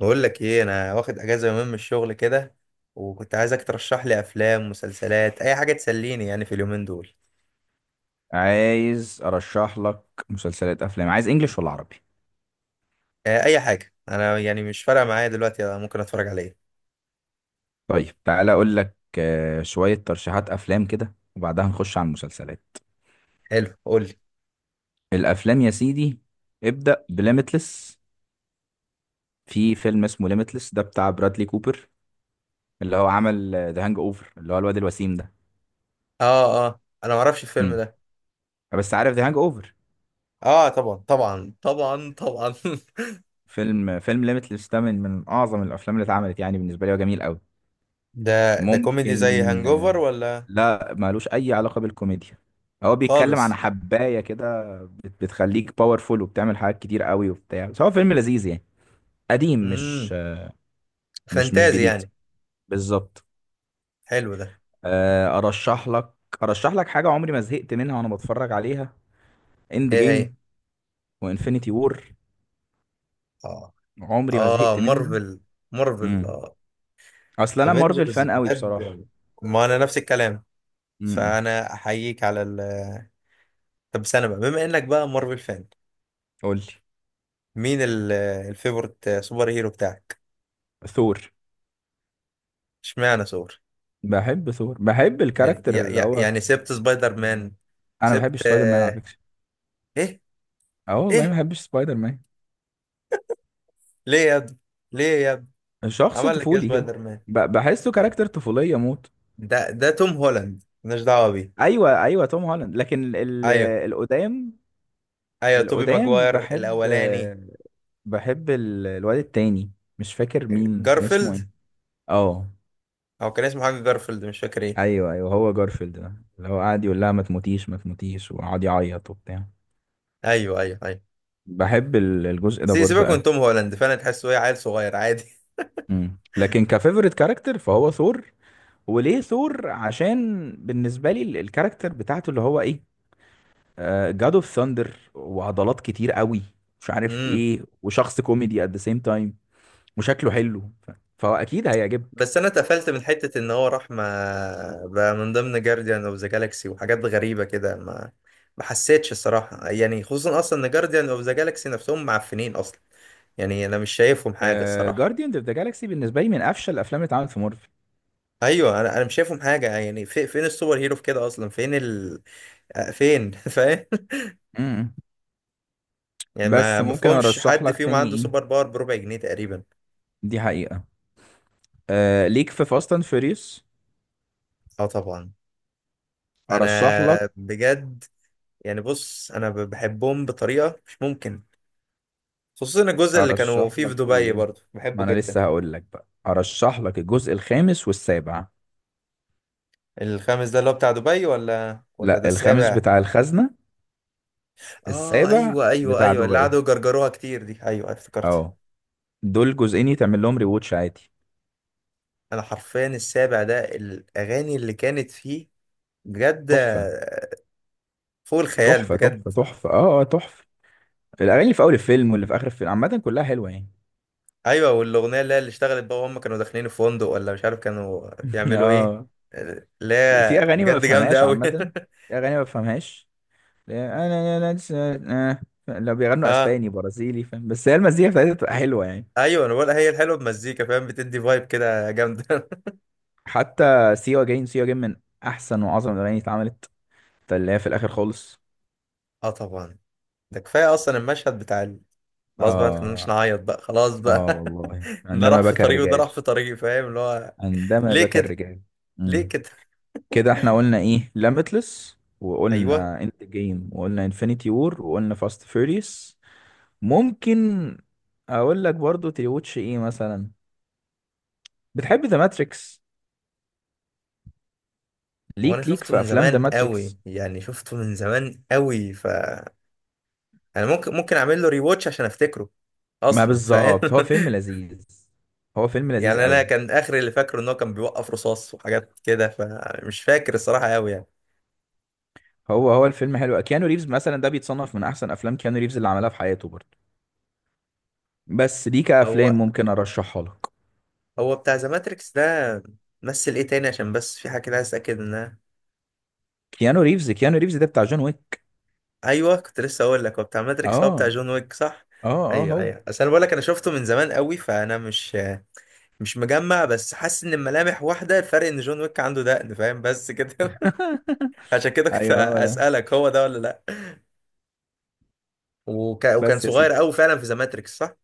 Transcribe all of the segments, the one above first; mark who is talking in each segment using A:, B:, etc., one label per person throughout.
A: بقول لك ايه، انا واخد اجازه يومين من الشغل كده. وكنت عايزك ترشح لي افلام مسلسلات، اي حاجه تسليني يعني في اليومين دول.
B: عايز ارشح لك مسلسلات افلام، عايز انجليش ولا عربي؟
A: آه، اي حاجه، انا يعني مش فارقه معايا دلوقتي. أنا ممكن اتفرج على ايه؟
B: طيب تعالى اقول لك شوية ترشيحات افلام كده وبعدها نخش على المسلسلات.
A: حلو، قول لي.
B: الافلام يا سيدي، ابدأ بليميتلس. في فيلم اسمه ليميتلس ده بتاع برادلي كوبر، اللي هو عمل ذا هانج اوفر، اللي هو الواد الوسيم ده.
A: اه، اه، انا ما اعرفش الفيلم
B: امم
A: ده.
B: بس عارف ذا هانج اوفر.
A: اه طبعا طبعا طبعا طبعا.
B: فيلم ليميتلس ده من اعظم الافلام اللي اتعملت يعني بالنسبة لي، وجميل قوي.
A: ده كوميدي زي
B: ممكن
A: هانجوفر ولا؟
B: لا، مالوش اي علاقة بالكوميديا. هو بيتكلم عن
A: خالص.
B: حباية كده، بتخليك باورفول وبتعمل حاجات كتير قوي وبتاع، بس هو فيلم لذيذ يعني. قديم، مش
A: امم
B: مش
A: فانتازي
B: جديد
A: يعني.
B: بالظبط.
A: حلو ده.
B: ارشح لك، ارشح لك حاجه عمري ما زهقت منها وانا بتفرج عليها: اند
A: ايه هي؟
B: جيم وانفينيتي وور.
A: اه،
B: عمري ما
A: اه،
B: زهقت منهم.
A: مارفل. مارفل،
B: امم
A: اه.
B: اصل انا مارفل
A: افنجرز،
B: فان قوي بصراحه.
A: بجد. ما انا نفس الكلام،
B: امم
A: فانا احييك على ال... طب استنى بقى، بما انك بقى مارفل فان،
B: قول لي.
A: مين الفيفورت سوبر هيرو بتاعك؟
B: ثور.
A: اشمعنى ثور؟
B: بحب ثور، بحب
A: يعني
B: الكاركتر اللي هو.
A: يعني سبت سبايدر مان؟
B: انا ما بحبش
A: سبت؟
B: سبايدر مان على
A: آه،
B: فكره.
A: ايه؟
B: اه والله ما
A: ايه؟
B: بحبش سبايدر مان.
A: ليه يا ابني؟ ليه يا ابني؟
B: شخص
A: عمل لك ايه
B: طفولي كده.
A: سبايدر مان؟
B: بحسه كاركتر طفوليه موت.
A: ده توم هولاند، مالناش دعوه بيه.
B: ايوه ايوه، توم هولاند، لكن
A: ايوه
B: القدام،
A: ايوه، توبي
B: القدام
A: ماجواير
B: بحب.
A: الاولاني.
B: بحب الواد التاني، مش فاكر مين كان اسمه ايه.
A: جارفيلد.
B: اه،
A: او كان اسمه حاجه جارفيلد، مش فاكر ايه.
B: ايوه ايوه، هو جارفيلد ده اللي هو قاعد يقول لها ما تموتيش ما تموتيش وقعد يعيط وبتاع.
A: ايوه ايوه ايوه.
B: بحب الجزء ده برضه
A: سيبك
B: قوي.
A: من توم هولاند، فانا تحسه ايه، عيل صغير عادي.
B: لكن كفيفوريت كاركتر فهو ثور. وليه ثور؟ عشان بالنسبه لي الكاركتر بتاعته اللي هو ايه، جاد اوف ثاندر وعضلات كتير قوي مش عارف
A: امم
B: ايه، وشخص كوميدي ات ذا سيم تايم، وشكله حلو. فهو اكيد هيعجبك.
A: بس انا اتقفلت من حته ان هو راح، ما بقى من ضمن جارديان اوف ذا جالاكسي وحاجات غريبه كده، ما حسيتش الصراحه يعني. خصوصا اصلا ان جارديان اوف ذا جالاكسي نفسهم معفنين اصلا. يعني انا مش شايفهم حاجه الصراحه.
B: جارديان اوف ذا جالاكسي بالنسبه لي من افشل الافلام اللي اتعملت في مارفل.
A: ايوه، انا مش شايفهم حاجه يعني، في فين السوبر هيرو في كده اصلا، فين ال... فين؟ فاهم؟
B: امم
A: يعني
B: بس
A: ما
B: ممكن
A: مفهومش
B: ارشح
A: حد
B: لك
A: فيهم
B: تاني
A: عنده
B: ايه؟
A: سوبر باور بربع جنيه تقريبا.
B: دي حقيقه. آه ليك في فاست اند فيريوس.
A: اه طبعا، انا
B: ارشح لك،
A: بجد يعني، بص انا بحبهم بطريقه مش ممكن. خصوصا الجزء اللي كانوا
B: ارشح
A: فيه في
B: لك
A: دبي،
B: ايه،
A: برضو
B: ما
A: بحبه
B: انا
A: جدا.
B: لسه هقول لك بقى. ارشح لك الجزء الخامس والسابع.
A: الخامس ده اللي هو بتاع دبي، ولا ده
B: لا، الخامس
A: السابع؟
B: بتاع الخزنه،
A: اه،
B: السابع
A: ايوه ايوه
B: بتاع
A: ايوه، اللي
B: دبي.
A: قعدوا يجرجروها كتير دي، ايوه افتكرت.
B: اه، دول جزئين يتعمل لهم ريواتش عادي.
A: انا حرفيا السابع ده الاغاني اللي كانت فيه بجد
B: تحفه
A: فوق الخيال
B: تحفه
A: بجد.
B: تحفه، اه، تحفه. الاغاني اللي في اول الفيلم واللي في اخر الفيلم عامه كلها حلوه يعني.
A: ايوه والاغنيه اللي اشتغلت بقى وهم كانوا داخلين الفندق ولا مش عارف كانوا بيعملوا ايه،
B: اه،
A: اللي
B: في
A: هي
B: اغاني ما
A: بجد جامده
B: بفهمهاش
A: قوي.
B: عامه، في اغاني ما بفهمهاش. انا، انا أنا- لسه- آه. لو بيغنوا
A: اه
B: اسباني برازيلي فاهم، بس هي المزيكا بتاعتها بتبقى حلوه يعني.
A: ايوه، انا بقول هي الحلوه بمزيكا، فاهم، بتدي فايب كده جامده.
B: حتى سيوا جاين، سيوا جاين من احسن واعظم الاغاني اللي اتعملت، اللي هي في الاخر خالص.
A: اه طبعا. ده كفايه اصلا المشهد بتاع ال... خلاص بقى، ما تخليناش
B: اه،
A: نعيط بقى، خلاص
B: اه
A: بقى.
B: والله،
A: ده
B: عندما
A: راح في
B: بكى
A: طريقي وده
B: الرجال.
A: راح في طريقي، فاهم اللي هو.
B: عندما
A: ليه
B: بكى
A: كده؟
B: الرجال.
A: ليه
B: امم
A: كده؟
B: كده احنا قلنا ايه: ليميتلس،
A: ايوه.
B: وقلنا انت جيم، وقلنا انفينيتي وور، وقلنا فاست فيوريوس. ممكن اقول لك برضو تريوتش ايه مثلا. بتحب ذا ماتريكس؟
A: هو انا
B: ليك، ليك
A: شفته
B: في
A: من
B: افلام ذا
A: زمان قوي
B: ماتريكس.
A: يعني، شفته من زمان قوي، ف... انا ممكن اعمل له ريواتش عشان افتكره
B: ما
A: اصلا، فاهم.
B: بالظبط، هو فيلم لذيذ، هو فيلم لذيذ
A: يعني انا
B: قوي.
A: كان اخر اللي فاكره ان هو كان بيوقف رصاص وحاجات كده، فمش فاكر الصراحه قوي يعني.
B: هو الفيلم حلو. كيانو ريفز مثلا ده بيتصنف من احسن افلام كيانو ريفز اللي عملها في حياته برضو. بس دي
A: هو
B: كافلام ممكن ارشحها لك.
A: هو بتاع ذا ماتريكس ده، مثل ايه تاني، عشان بس في حاجه كده عايز اتاكد منها.
B: كيانو ريفز ده بتاع جون ويك.
A: ايوه كنت لسه اقول لك، هو بتاع ماتريكس هو بتاع
B: اه،
A: جون ويك، صح؟
B: اه اه،
A: ايوه
B: هو.
A: ايوه، اصل انا بقول لك انا شفته من زمان قوي، فانا مش مجمع، بس حاسس ان الملامح واحده، الفرق ان جون ويك عنده دقن، فاهم، بس كده. عشان كده كنت
B: ايوه، هو ده.
A: اسالك هو ده ولا لا. وكان
B: بس يا
A: صغير
B: سيدي،
A: قوي فعلا في ذا ماتريكس، صح؟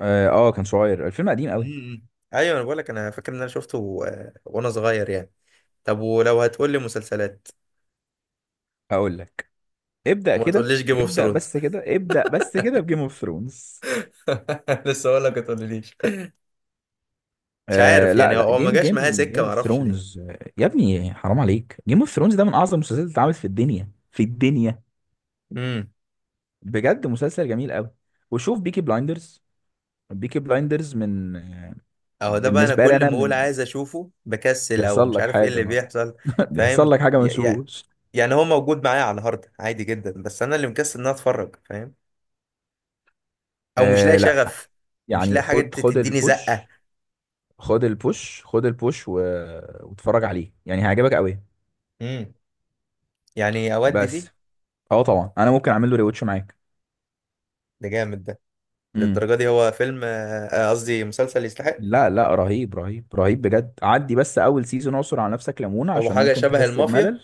B: اه، كان صغير، الفيلم قديم قوي.
A: امم ايوه انا بقول لك انا فاكر ان انا شفته وانا صغير يعني. طب ولو هتقول لي مسلسلات،
B: هقول لك، ابدأ
A: وما
B: كده
A: تقوليش جيم اوف
B: ابدأ
A: ثرونز.
B: بس كده. ابدأ بس كده بجيم اوف ثرونز.
A: لسه اقول لك ما تقوليش. مش
B: آه
A: عارف
B: لا
A: يعني، هو
B: لا،
A: هو ما
B: جيم
A: جاش معايا
B: جيم
A: سكه،
B: جيم
A: ما
B: اوف
A: اعرفش
B: ثرونز. يا ابني حرام عليك، جيم اوف ثرونز ده من اعظم المسلسلات اللي اتعملت في الدنيا، في الدنيا.
A: ليه.
B: بجد مسلسل جميل قوي. وشوف بيكي بلايندرز. بيكي بلايندرز من
A: اهو ده بقى، انا
B: بالنسبة لي
A: كل
B: انا
A: ما اقول
B: من،
A: عايز اشوفه بكسل او
B: بيحصل
A: مش
B: لك
A: عارف ايه
B: حاجة
A: اللي
B: ما.
A: بيحصل.
B: بيحصل
A: فاهم،
B: لك حاجة ما تشوفوش.
A: يعني هو موجود معايا على الهارد عادي جدا، بس انا اللي مكسل ان انا اتفرج، فاهم. او مش
B: آه
A: لاقي
B: لا،
A: شغف. مش
B: يعني
A: لاقي حاجه
B: خد، خد
A: تديني زقه.
B: البوش، خد البوش، واتفرج عليه يعني هيعجبك قوي.
A: امم يعني اودي فيه.
B: بس اه طبعا، انا ممكن اعمل له ريوتش معاك.
A: ده جامد ده.
B: امم،
A: للدرجه دي هو فيلم، قصدي مسلسل يستحق؟
B: لا لا، رهيب رهيب رهيب بجد، عدي بس اول سيزون، اعصر على نفسك ليمونه
A: او
B: عشان
A: حاجه
B: ممكن
A: شبه
B: تحس
A: المافيا.
B: بملل.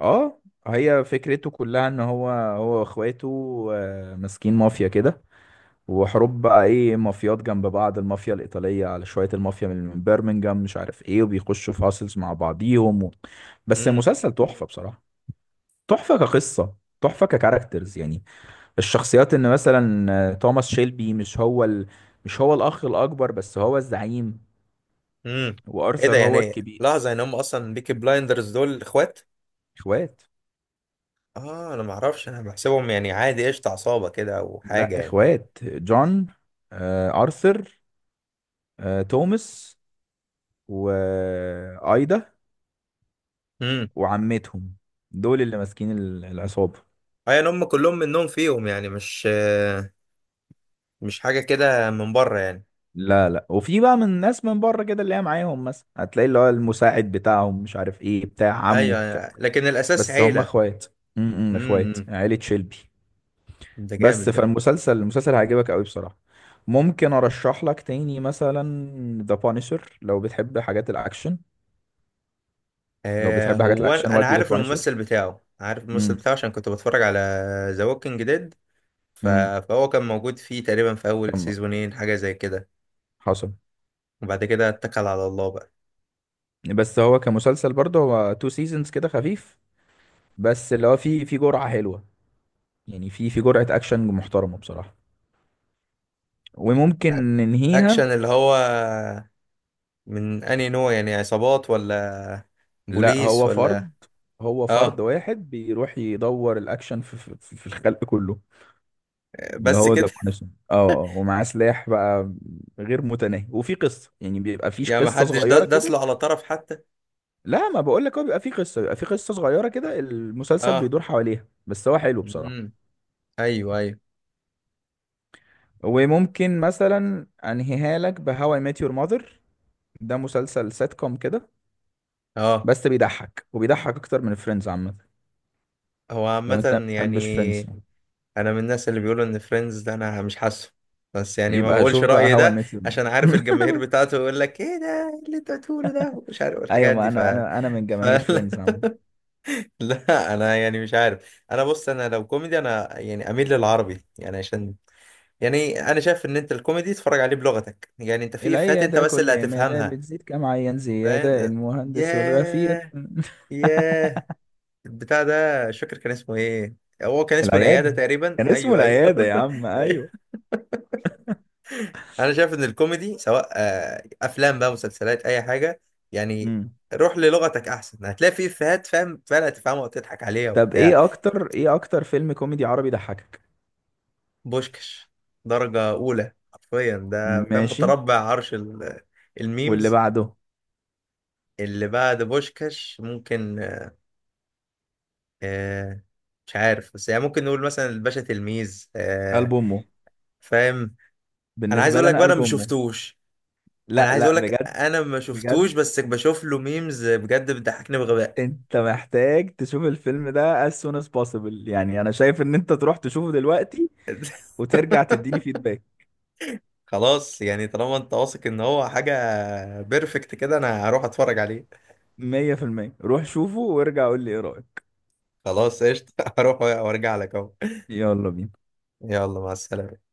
B: اه، هي فكرته كلها ان هو واخواته ماسكين مافيا كده، وحروب بقى ايه، مافيات جنب بعض، المافيا الايطاليه على شويه، المافيا من بيرمنجهام مش عارف ايه، وبيخشوا في هاسلز مع بعضيهم. و... بس
A: امم.
B: المسلسل تحفه بصراحه، تحفه كقصه، تحفه ككاركترز يعني. الشخصيات، ان مثلا توماس شيلبي مش هو ال، مش هو الاخ الاكبر بس هو الزعيم.
A: امم. ايه ده؟
B: وارثر هو
A: يعني
B: الكبير.
A: لحظه، يعني هم اصلا بيكي بلايندرز دول اخوات؟
B: اخوات.
A: اه انا ما اعرفش، انا بحسبهم يعني عادي قشطه عصابه كده او حاجه
B: لا،
A: يعني.
B: اخوات، جون، ارثر، توماس، وايدا، وعمتهم، دول اللي ماسكين العصابة.
A: ايوه هم كلهم منهم فيهم يعني، مش حاجه كده من بره يعني.
B: لا لا، وفي بقى من ناس من بره كده اللي هي معاهم، مثلا هتلاقي اللي هو المساعد بتاعهم مش عارف ايه بتاع عمه بتاع.
A: ايوه لكن الاساس
B: بس هم
A: عيله.
B: اخوات، امم،
A: امم.
B: اخوات،
A: امم.
B: عيلة شيلبي.
A: ده جامد
B: بس
A: ده.
B: فالمسلسل هيعجبك قوي بصراحة. ممكن ارشح لك تاني مثلا ذا بانيشر، لو بتحب حاجات الاكشن. لو بتحب حاجات
A: هو
B: الاكشن
A: انا
B: ودي ذا
A: عارف
B: بانشر.
A: الممثل بتاعه، عارف الممثل
B: امم
A: بتاعه عشان كنت بتفرج على ذا ووكينج ديد،
B: امم،
A: فهو كان موجود فيه تقريبا في اول
B: كمل.
A: سيزونين حاجه زي كده.
B: حصل.
A: وبعد كده اتكل على الله بقى.
B: بس هو كمسلسل برضه هو تو سيزونز كده خفيف، بس اللي هو في جرعة حلوة يعني، في جرعة اكشن محترمة بصراحة، وممكن
A: اكشن
B: ننهيها.
A: اللي هو من انهي نوع يعني، عصابات ولا
B: لا،
A: بوليس
B: هو
A: ولا؟
B: فرد، هو فرد
A: اه
B: واحد بيروح يدور الاكشن في الخلق كله. اللي
A: بس
B: هو ذا
A: كده.
B: بانشر، اه، ومعاه سلاح بقى غير متناهي، وفي قصة يعني، بيبقى فيش
A: يعني
B: قصة
A: محدش
B: صغيرة
A: داس
B: كده.
A: له على طرف حتى.
B: لا ما بقول لك، هو بيبقى فيه قصه، بيبقى فيه قصه صغيره كده، المسلسل
A: اه.
B: بيدور حواليها، بس هو حلو
A: امم.
B: بصراحه.
A: ايوه ايوه.
B: وممكن مثلا انهيها لك بهاو اي ميت يور ماذر. ده مسلسل سيت كوم كده،
A: اه
B: بس بيضحك، وبيضحك اكتر من فريندز عامه.
A: هو
B: لو انت ما
A: عامة يعني.
B: بتحبش فريندز
A: انا من الناس اللي بيقولوا ان فريندز ده انا مش حاسه، بس يعني ما
B: يبقى
A: بقولش
B: شوف بقى
A: رأيي
B: هاو اي
A: ده
B: ميت يور.
A: عشان عارف الجماهير بتاعته يقول لك: ايه ده، إيه اللي انت بتقوله ده، مش عارف
B: ايوه،
A: الحاجات
B: ما
A: دي.
B: انا، انا من
A: ف...
B: جماهير فريندز عامه.
A: لا انا يعني مش عارف، انا بص انا لو كوميدي انا يعني اميل للعربي يعني، عشان يعني انا شايف ان انت الكوميدي تتفرج عليه بلغتك، يعني انت في افيهات انت
B: العياده
A: بس اللي
B: كل ما ده
A: هتفهمها،
B: بتزيد كم عيان زياده،
A: فاهم.
B: المهندس والغفير.
A: ياه. ياه. البتاع ده مش فاكر كان اسمه ايه. هو كان اسمه العيادة
B: العياده،
A: تقريبا،
B: كان اسمه
A: ايوه ايوه.
B: العياده يا عم،
A: أيوة.
B: ايوه.
A: انا شايف ان الكوميدي، سواء افلام بقى مسلسلات اي حاجة يعني،
B: مم.
A: روح للغتك احسن، هتلاقي فيه افيهات فاهم، فعلا هتفهمها وتضحك عليها
B: طب
A: وبتاع.
B: ايه اكتر، ايه اكتر فيلم كوميدي عربي ضحكك؟
A: بوشكش. درجة اولى حرفيا ده، فاهم،
B: ماشي.
A: متربع عرش ال...
B: واللي
A: الميمز.
B: بعده؟
A: اللي بعد بوشكش ممكن آه، مش عارف، بس يعني ممكن نقول مثلا الباشا تلميذ
B: قلب امه.
A: فاهم. انا عايز
B: بالنسبه
A: اقول
B: لي
A: لك
B: انا
A: بقى انا
B: قلب
A: ما
B: امه.
A: شفتوش. انا
B: لا
A: عايز
B: لا
A: اقول لك
B: بجد،
A: انا ما
B: بجد
A: شفتوش، بس بشوف له ميمز بجد بتضحكني بغباء.
B: انت محتاج تشوف الفيلم ده as soon as possible، يعني انا شايف ان انت تروح تشوفه دلوقتي وترجع تديني فيدباك.
A: خلاص يعني، طالما انت واثق ان هو حاجه بيرفكت كده، انا هروح اتفرج عليه.
B: 100%. روح شوفه وارجع قول لي ايه رايك.
A: خلاص قشطه. هروح وارجع لك اهو.
B: يلا بينا.
A: يلا، مع السلامه.